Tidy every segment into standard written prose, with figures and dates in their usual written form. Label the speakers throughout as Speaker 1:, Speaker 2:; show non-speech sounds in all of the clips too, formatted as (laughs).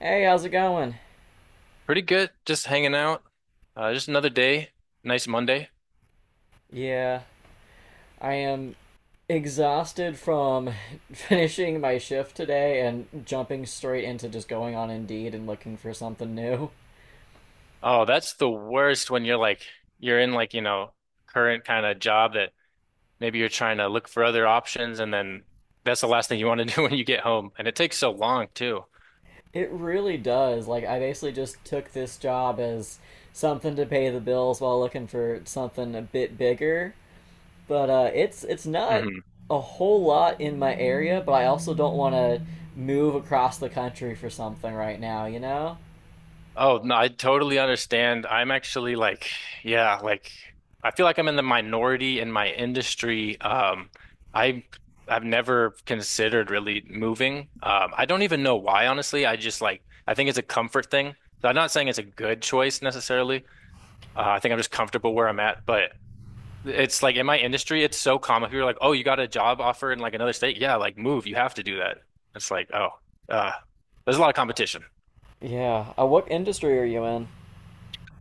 Speaker 1: Hey, how's it going?
Speaker 2: Pretty good. Just hanging out. Just another day. Nice Monday.
Speaker 1: Yeah, I am exhausted from (laughs) finishing my shift today and jumping straight into just going on Indeed and looking for something new.
Speaker 2: Oh, that's the worst when you're in current kind of job that maybe you're trying to look for other options, and then that's the last thing you want to (laughs) do when you get home. And it takes so long too.
Speaker 1: It really does. Like, I basically just took this job as something to pay the bills while looking for something a bit bigger. But it's not a whole lot in my area, but I also don't want to move across the country for something right now, you know?
Speaker 2: Oh, no, I totally understand. I'm actually like, yeah, like I feel like I'm in the minority in my industry. I I've never considered really moving. I don't even know why, honestly. I just like I think it's a comfort thing. So I'm not saying it's a good choice necessarily. I think I'm just comfortable where I'm at, but it's like in my industry, it's so common. People are like, "Oh, you got a job offer in like another state? Yeah, like move. You have to do that." It's like, uh, there's a lot of competition.
Speaker 1: Yeah. What industry are you in?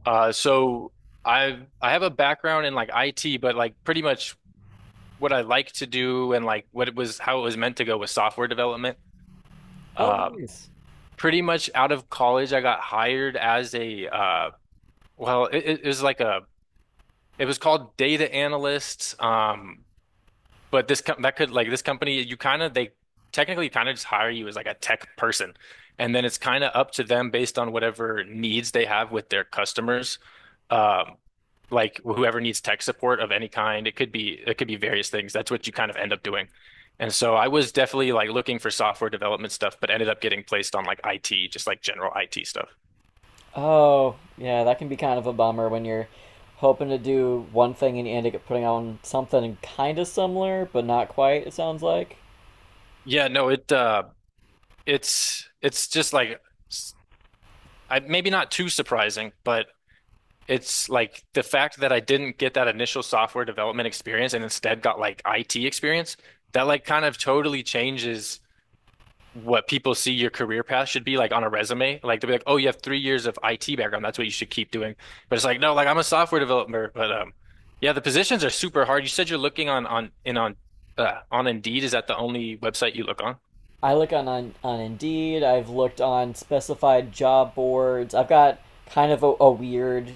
Speaker 2: Uh, so I have a background in like IT, but like pretty much what I like to do and like what it was how it was meant to go with software development.
Speaker 1: Oh,
Speaker 2: Um,
Speaker 1: nice.
Speaker 2: Pretty much out of college, I got hired as a well, it was like a it was called data analyst. But this com that could like this company, you kind of they technically kind of just hire you as like a tech person, and then it's kind of up to them based on whatever needs they have with their customers, um, like whoever needs tech support of any kind. It could be various things. That's what you kind of end up doing. And so I was definitely like looking for software development stuff, but ended up getting placed on like IT, just like general IT stuff.
Speaker 1: Oh, yeah, that can be kind of a bummer when you're hoping to do one thing and you end up putting on something kind of similar, but not quite, it sounds like.
Speaker 2: Yeah, no, it's just like s- I maybe not too surprising, but it's like the fact that I didn't get that initial software development experience and instead got like IT experience, that like kind of totally changes what people see your career path should be like on a resume. Like they'll be like, oh, you have 3 years of IT background. That's what you should keep doing. But it's like, no, like I'm a software developer. But Yeah, the positions are super hard. You said you're looking on in on on Indeed. Is that the only website you look on?
Speaker 1: I look on, on Indeed. I've looked on specified job boards. I've got kind of a weird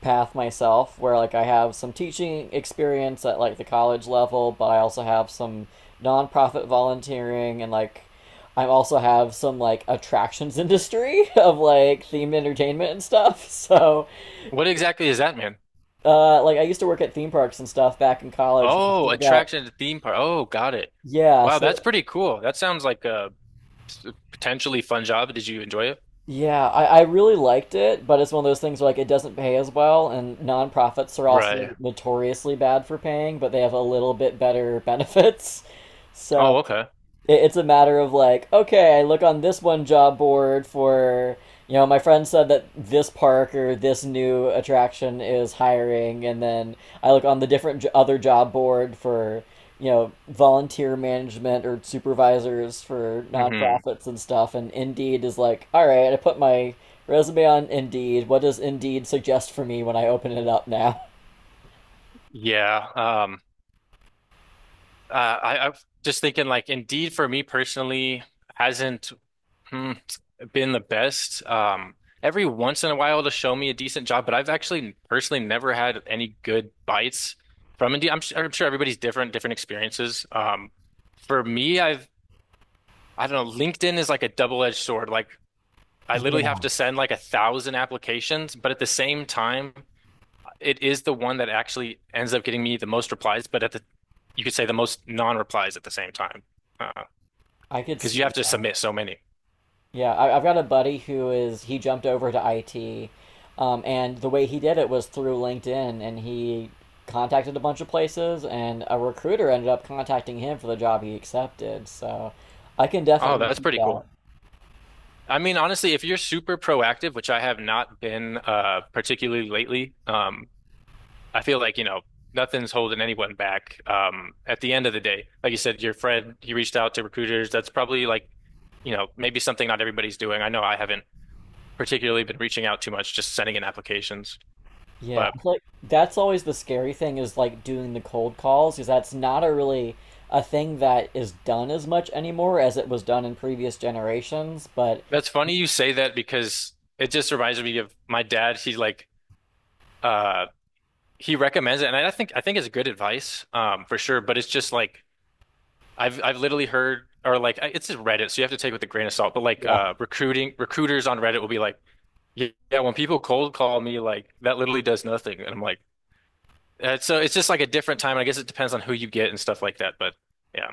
Speaker 1: path myself, where like I have some teaching experience at like the college level, but I also have some nonprofit volunteering, and like I also have some like attractions industry (laughs) of like themed entertainment and stuff. (laughs) So
Speaker 2: What exactly is that, man?
Speaker 1: Like I used to work at theme parks and stuff back in college, and I
Speaker 2: Oh,
Speaker 1: still got
Speaker 2: attraction to theme park. Oh, got it.
Speaker 1: yeah,
Speaker 2: Wow,
Speaker 1: so
Speaker 2: that's pretty cool. That sounds like a potentially fun job. Did you enjoy it?
Speaker 1: yeah, I really liked it, but it's one of those things where like it doesn't pay as well, and nonprofits are also
Speaker 2: Right.
Speaker 1: notoriously bad for paying, but they have a little bit better (laughs) benefits. So
Speaker 2: Oh, okay.
Speaker 1: it's a matter of like, okay, I look on this one job board for, you know, my friend said that this park or this new attraction is hiring, and then I look on the different other job board for, you know, volunteer management or supervisors for
Speaker 2: Hmm.
Speaker 1: nonprofits and stuff, and Indeed is like, all right, I put my resume on Indeed. What does Indeed suggest for me when I open it up now?
Speaker 2: Yeah. um, Uh, I'm just thinking like Indeed for me personally hasn't hmm, been the best. Every once in a while to show me a decent job, but I've actually personally never had any good bites from Indeed. I'm sure everybody's different experiences. For me, I've I don't know. LinkedIn is like a double-edged sword. Like I
Speaker 1: Yeah.
Speaker 2: literally have
Speaker 1: (laughs)
Speaker 2: to send like a thousand applications, but at the same time, it is the one that actually ends up getting me the most replies, but at the you could say the most non-replies at the same time. Huh.
Speaker 1: I could
Speaker 2: Because
Speaker 1: see
Speaker 2: you have to submit so many.
Speaker 1: yeah, I've got a buddy who is he jumped over to IT, and the way he did it was through LinkedIn, and he contacted a bunch of places, and a recruiter ended up contacting him for the job he accepted. So I can
Speaker 2: Oh,
Speaker 1: definitely
Speaker 2: that's
Speaker 1: see
Speaker 2: pretty
Speaker 1: that.
Speaker 2: cool. I mean, honestly, if you're super proactive, which I have not been particularly lately, I feel like, you know, nothing's holding anyone back. At the end of the day, like you said, your friend, he reached out to recruiters. That's probably like, you know, maybe something not everybody's doing. I know I haven't particularly been reaching out too much, just sending in applications.
Speaker 1: Yeah,
Speaker 2: But
Speaker 1: I feel like that's always the scary thing is like doing the cold calls, because that's not a really a thing that is done as much anymore as it was done in previous generations. But
Speaker 2: that's funny you say that because it just reminds me of my dad. Uh he recommends it, and I think it's good advice for sure, but it's just like I've literally heard or it's just Reddit, so you have to take it with a grain of salt, but like
Speaker 1: yeah,
Speaker 2: recruiting recruiters on Reddit will be like, "Yeah, yeah, when people cold call me like that literally does nothing." And I'm like, so it's just like a different time. And I guess it depends on who you get and stuff like that, but yeah.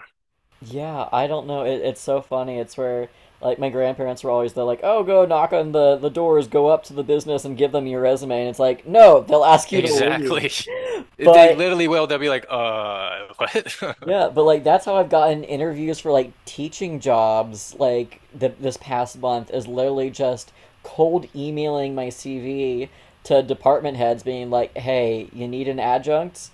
Speaker 1: yeah, I don't know. It's so funny. It's where like my grandparents were always they're like, "Oh, go knock on the doors, go up to the business and give them your resume." And it's like, "No, they'll ask you to leave."
Speaker 2: Exactly. (laughs) They
Speaker 1: But
Speaker 2: literally will. They'll be like, (laughs) what?" (laughs)
Speaker 1: yeah, but like that's how I've gotten interviews for like teaching jobs like th this past month, is literally just cold emailing my CV to department heads being like, "Hey, you need an adjunct?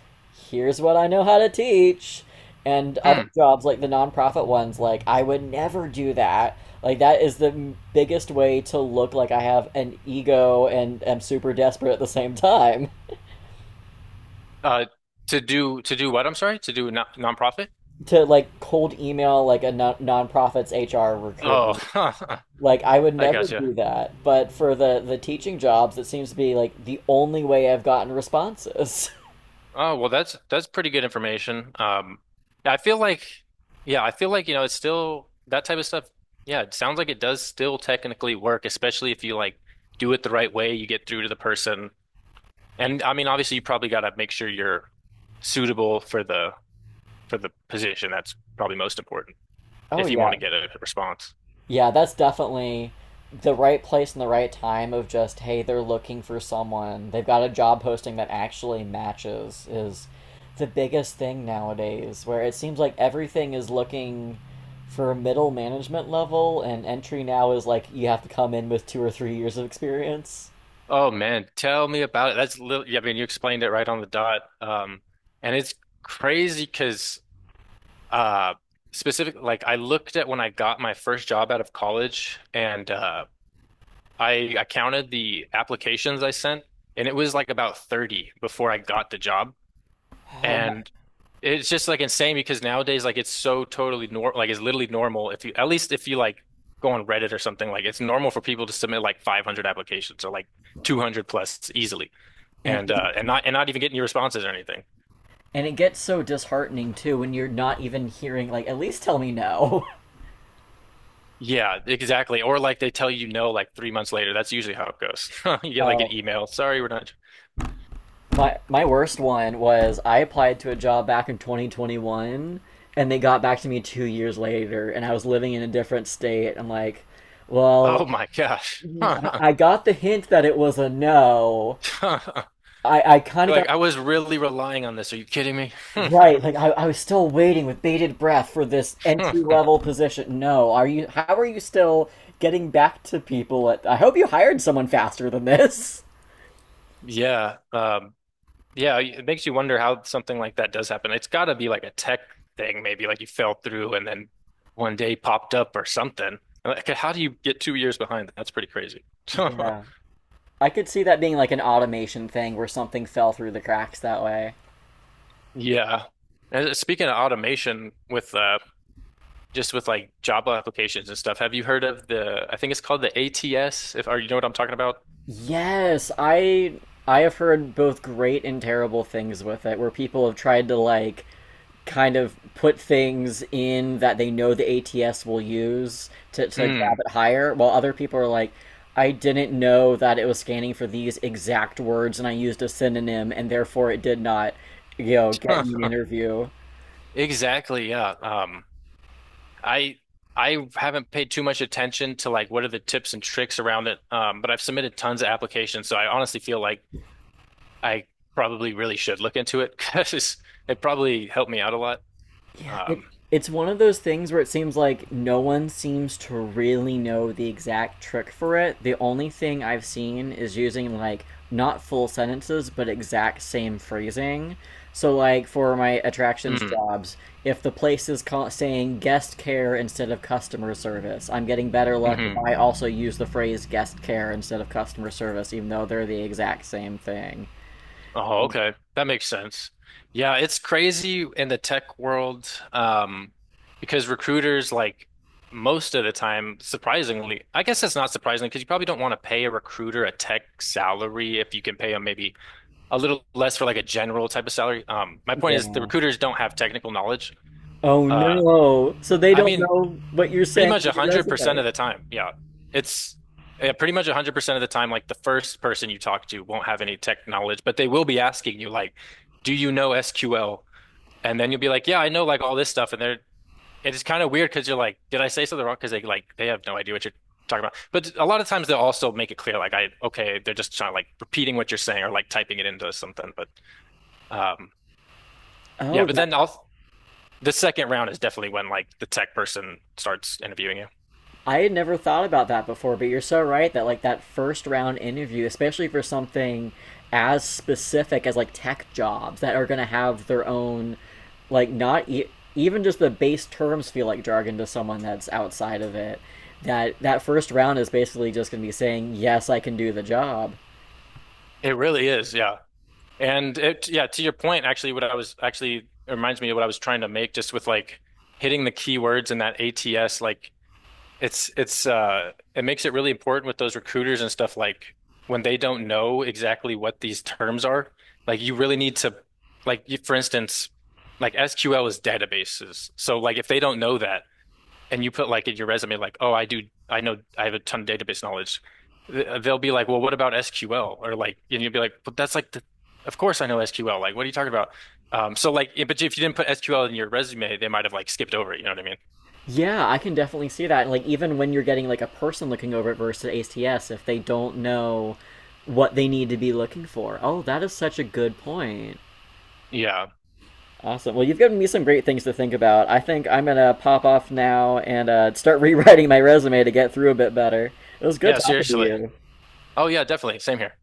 Speaker 1: Here's what I know how to teach." And other
Speaker 2: Hmm.
Speaker 1: jobs like the nonprofit ones, like, "I would never do that." Like that is the biggest way to look like I have an ego and am super desperate at the same time. (laughs)
Speaker 2: Uh, to do what? I'm sorry, to do a nonprofit.
Speaker 1: To like cold email like a non nonprofit's HR
Speaker 2: Oh,
Speaker 1: recruiter.
Speaker 2: (laughs)
Speaker 1: Like I would
Speaker 2: I
Speaker 1: never
Speaker 2: gotcha.
Speaker 1: do that, but for the teaching jobs, it seems to be like the only way I've gotten responses. (laughs)
Speaker 2: Oh, well, that's pretty good information. I feel like, yeah, I feel like it's still that type of stuff. Yeah, it sounds like it does still technically work, especially if you like do it the right way. You get through to the person, and I mean, obviously, you probably got to make sure you're suitable for the position. That's probably most important.
Speaker 1: Oh
Speaker 2: If you want to
Speaker 1: yeah.
Speaker 2: get a response.
Speaker 1: Yeah, that's definitely the right place and the right time of just, hey, they're looking for someone. They've got a job posting that actually matches is the biggest thing nowadays, where it seems like everything is looking for middle management level, and entry now is like you have to come in with 2 or 3 years of experience.
Speaker 2: Oh man, tell me about it. That's I mean, you explained it right on the dot. And it's crazy because uh specific like I looked at when I got my first job out of college, and I counted the applications I sent, and it was like about 30 before I got the job.
Speaker 1: Oh, and,
Speaker 2: And it's just like insane because nowadays, like, it's so totally normal. Like, it's literally normal if you, at least if you like go on Reddit or something, like, it's normal for people to submit like 500 applications or like 200 plus easily,
Speaker 1: and
Speaker 2: and not even get any responses or anything.
Speaker 1: and it gets so disheartening too when you're not even hearing like at least tell me no. (laughs)
Speaker 2: Yeah, exactly. Or like they tell you no like 3 months later. That's usually how it goes. (laughs) You get like an
Speaker 1: Oh,
Speaker 2: email. Sorry, we're not.
Speaker 1: my worst one was I applied to a job back in 2021, and they got back to me 2 years later and I was living in a different state. I'm like,
Speaker 2: Oh
Speaker 1: well,
Speaker 2: my gosh.
Speaker 1: I got the hint that it was a no.
Speaker 2: (laughs)
Speaker 1: I kind of
Speaker 2: You're
Speaker 1: got
Speaker 2: like, I was really relying on this. Are you kidding me? (laughs)
Speaker 1: right, like I was still waiting with bated breath for this entry level position. No, are you how are you still getting back to people at I hope you hired someone faster than this. (laughs)
Speaker 2: Yeah. Yeah, it makes you wonder how something like that does happen. It's got to be like a tech thing, maybe like you fell through and then one day popped up or something. Like, how do you get 2 years behind? That's pretty crazy. (laughs)
Speaker 1: Yeah. I could see that being like an automation thing where something fell through the cracks that way.
Speaker 2: Yeah. And speaking of automation with just with like Java applications and stuff, have you heard of the I think it's called the ATS, if or you know what I'm talking about?
Speaker 1: Yes, I have heard both great and terrible things with it, where people have tried to like kind of put things in that they know the ATS will use to grab
Speaker 2: Mm.
Speaker 1: it higher, while other people are like, I didn't know that it was scanning for these exact words and I used a synonym and therefore it did not, you know, get me an
Speaker 2: (laughs)
Speaker 1: interview.
Speaker 2: Exactly, yeah. I I haven't paid too much attention to like what are the tips and tricks around it. But I've submitted tons of applications, so I honestly feel like I probably really should look into it (laughs) because it probably helped me out a lot.
Speaker 1: It,
Speaker 2: Um,
Speaker 1: it's one of those things where it seems like no one seems to really know the exact trick for it. The only thing I've seen is using like not full sentences but exact same phrasing. So like for my attractions
Speaker 2: hmm,
Speaker 1: jobs, if the place is saying guest care instead of customer service, I'm getting better luck if
Speaker 2: hmm
Speaker 1: I also use the phrase guest care instead of customer service even though they're the exact same thing.
Speaker 2: Oh, okay. That makes sense. Yeah, it's crazy in the tech world, because recruiters like most of the time, surprisingly, I guess it's not surprising because you probably don't want to pay a recruiter a tech salary if you can pay them maybe a little less for like a general type of salary. My point is the
Speaker 1: Yeah.
Speaker 2: recruiters don't have technical knowledge.
Speaker 1: Oh
Speaker 2: Uh,
Speaker 1: no. So they
Speaker 2: I
Speaker 1: don't
Speaker 2: mean,
Speaker 1: know what you're
Speaker 2: pretty
Speaker 1: saying
Speaker 2: much
Speaker 1: in your
Speaker 2: 100%
Speaker 1: resume.
Speaker 2: of the time. Yeah. It's yeah, Pretty much 100% of the time, like the first person you talk to won't have any tech knowledge, but they will be asking you, like, do you know SQL? And then you'll be like, yeah, I know like all this stuff. It's kind of weird because you're like, did I say something wrong? Because they have no idea what you're talking about. But a lot of times they'll also make it clear, like, okay, they're just trying like repeating what you're saying or like typing it into something. Um, Yeah,
Speaker 1: Oh,
Speaker 2: but
Speaker 1: that,
Speaker 2: the second round is definitely when like the tech person starts interviewing you.
Speaker 1: I had never thought about that before, but you're so right that like that first round interview, especially for something as specific as like tech jobs that are going to have their own like not e- even just the base terms feel like jargon to someone that's outside of it. That that first round is basically just going to be saying, "Yes, I can do the job."
Speaker 2: It really is, yeah. And to your point, actually, what I was actually it reminds me of what I was trying to make just with like hitting the keywords in that ATS. It makes it really important with those recruiters and stuff like when they don't know exactly what these terms are, like you really need to for instance, like SQL is databases. So like if they don't know that and you put like in your resume like, "Oh, I know I have a ton of database knowledge." They'll be like, "Well, what about SQL?" or like and you'll be like, "But that's like the of course I know SQL. Like what are you talking about?" So like yeah, but if you didn't put SQL in your resume, they might have like skipped over it, you know what I mean?
Speaker 1: Yeah, I can definitely see that. And like even when you're getting like a person looking over it versus ATS, if they don't know what they need to be looking for. Oh, that is such a good point.
Speaker 2: Yeah.
Speaker 1: Awesome. Well, you've given me some great things to think about. I think I'm gonna pop off now and start (laughs) rewriting my resume to get through a bit better. It was good
Speaker 2: Yeah,
Speaker 1: talking to
Speaker 2: seriously.
Speaker 1: you.
Speaker 2: Oh yeah, definitely. Same here.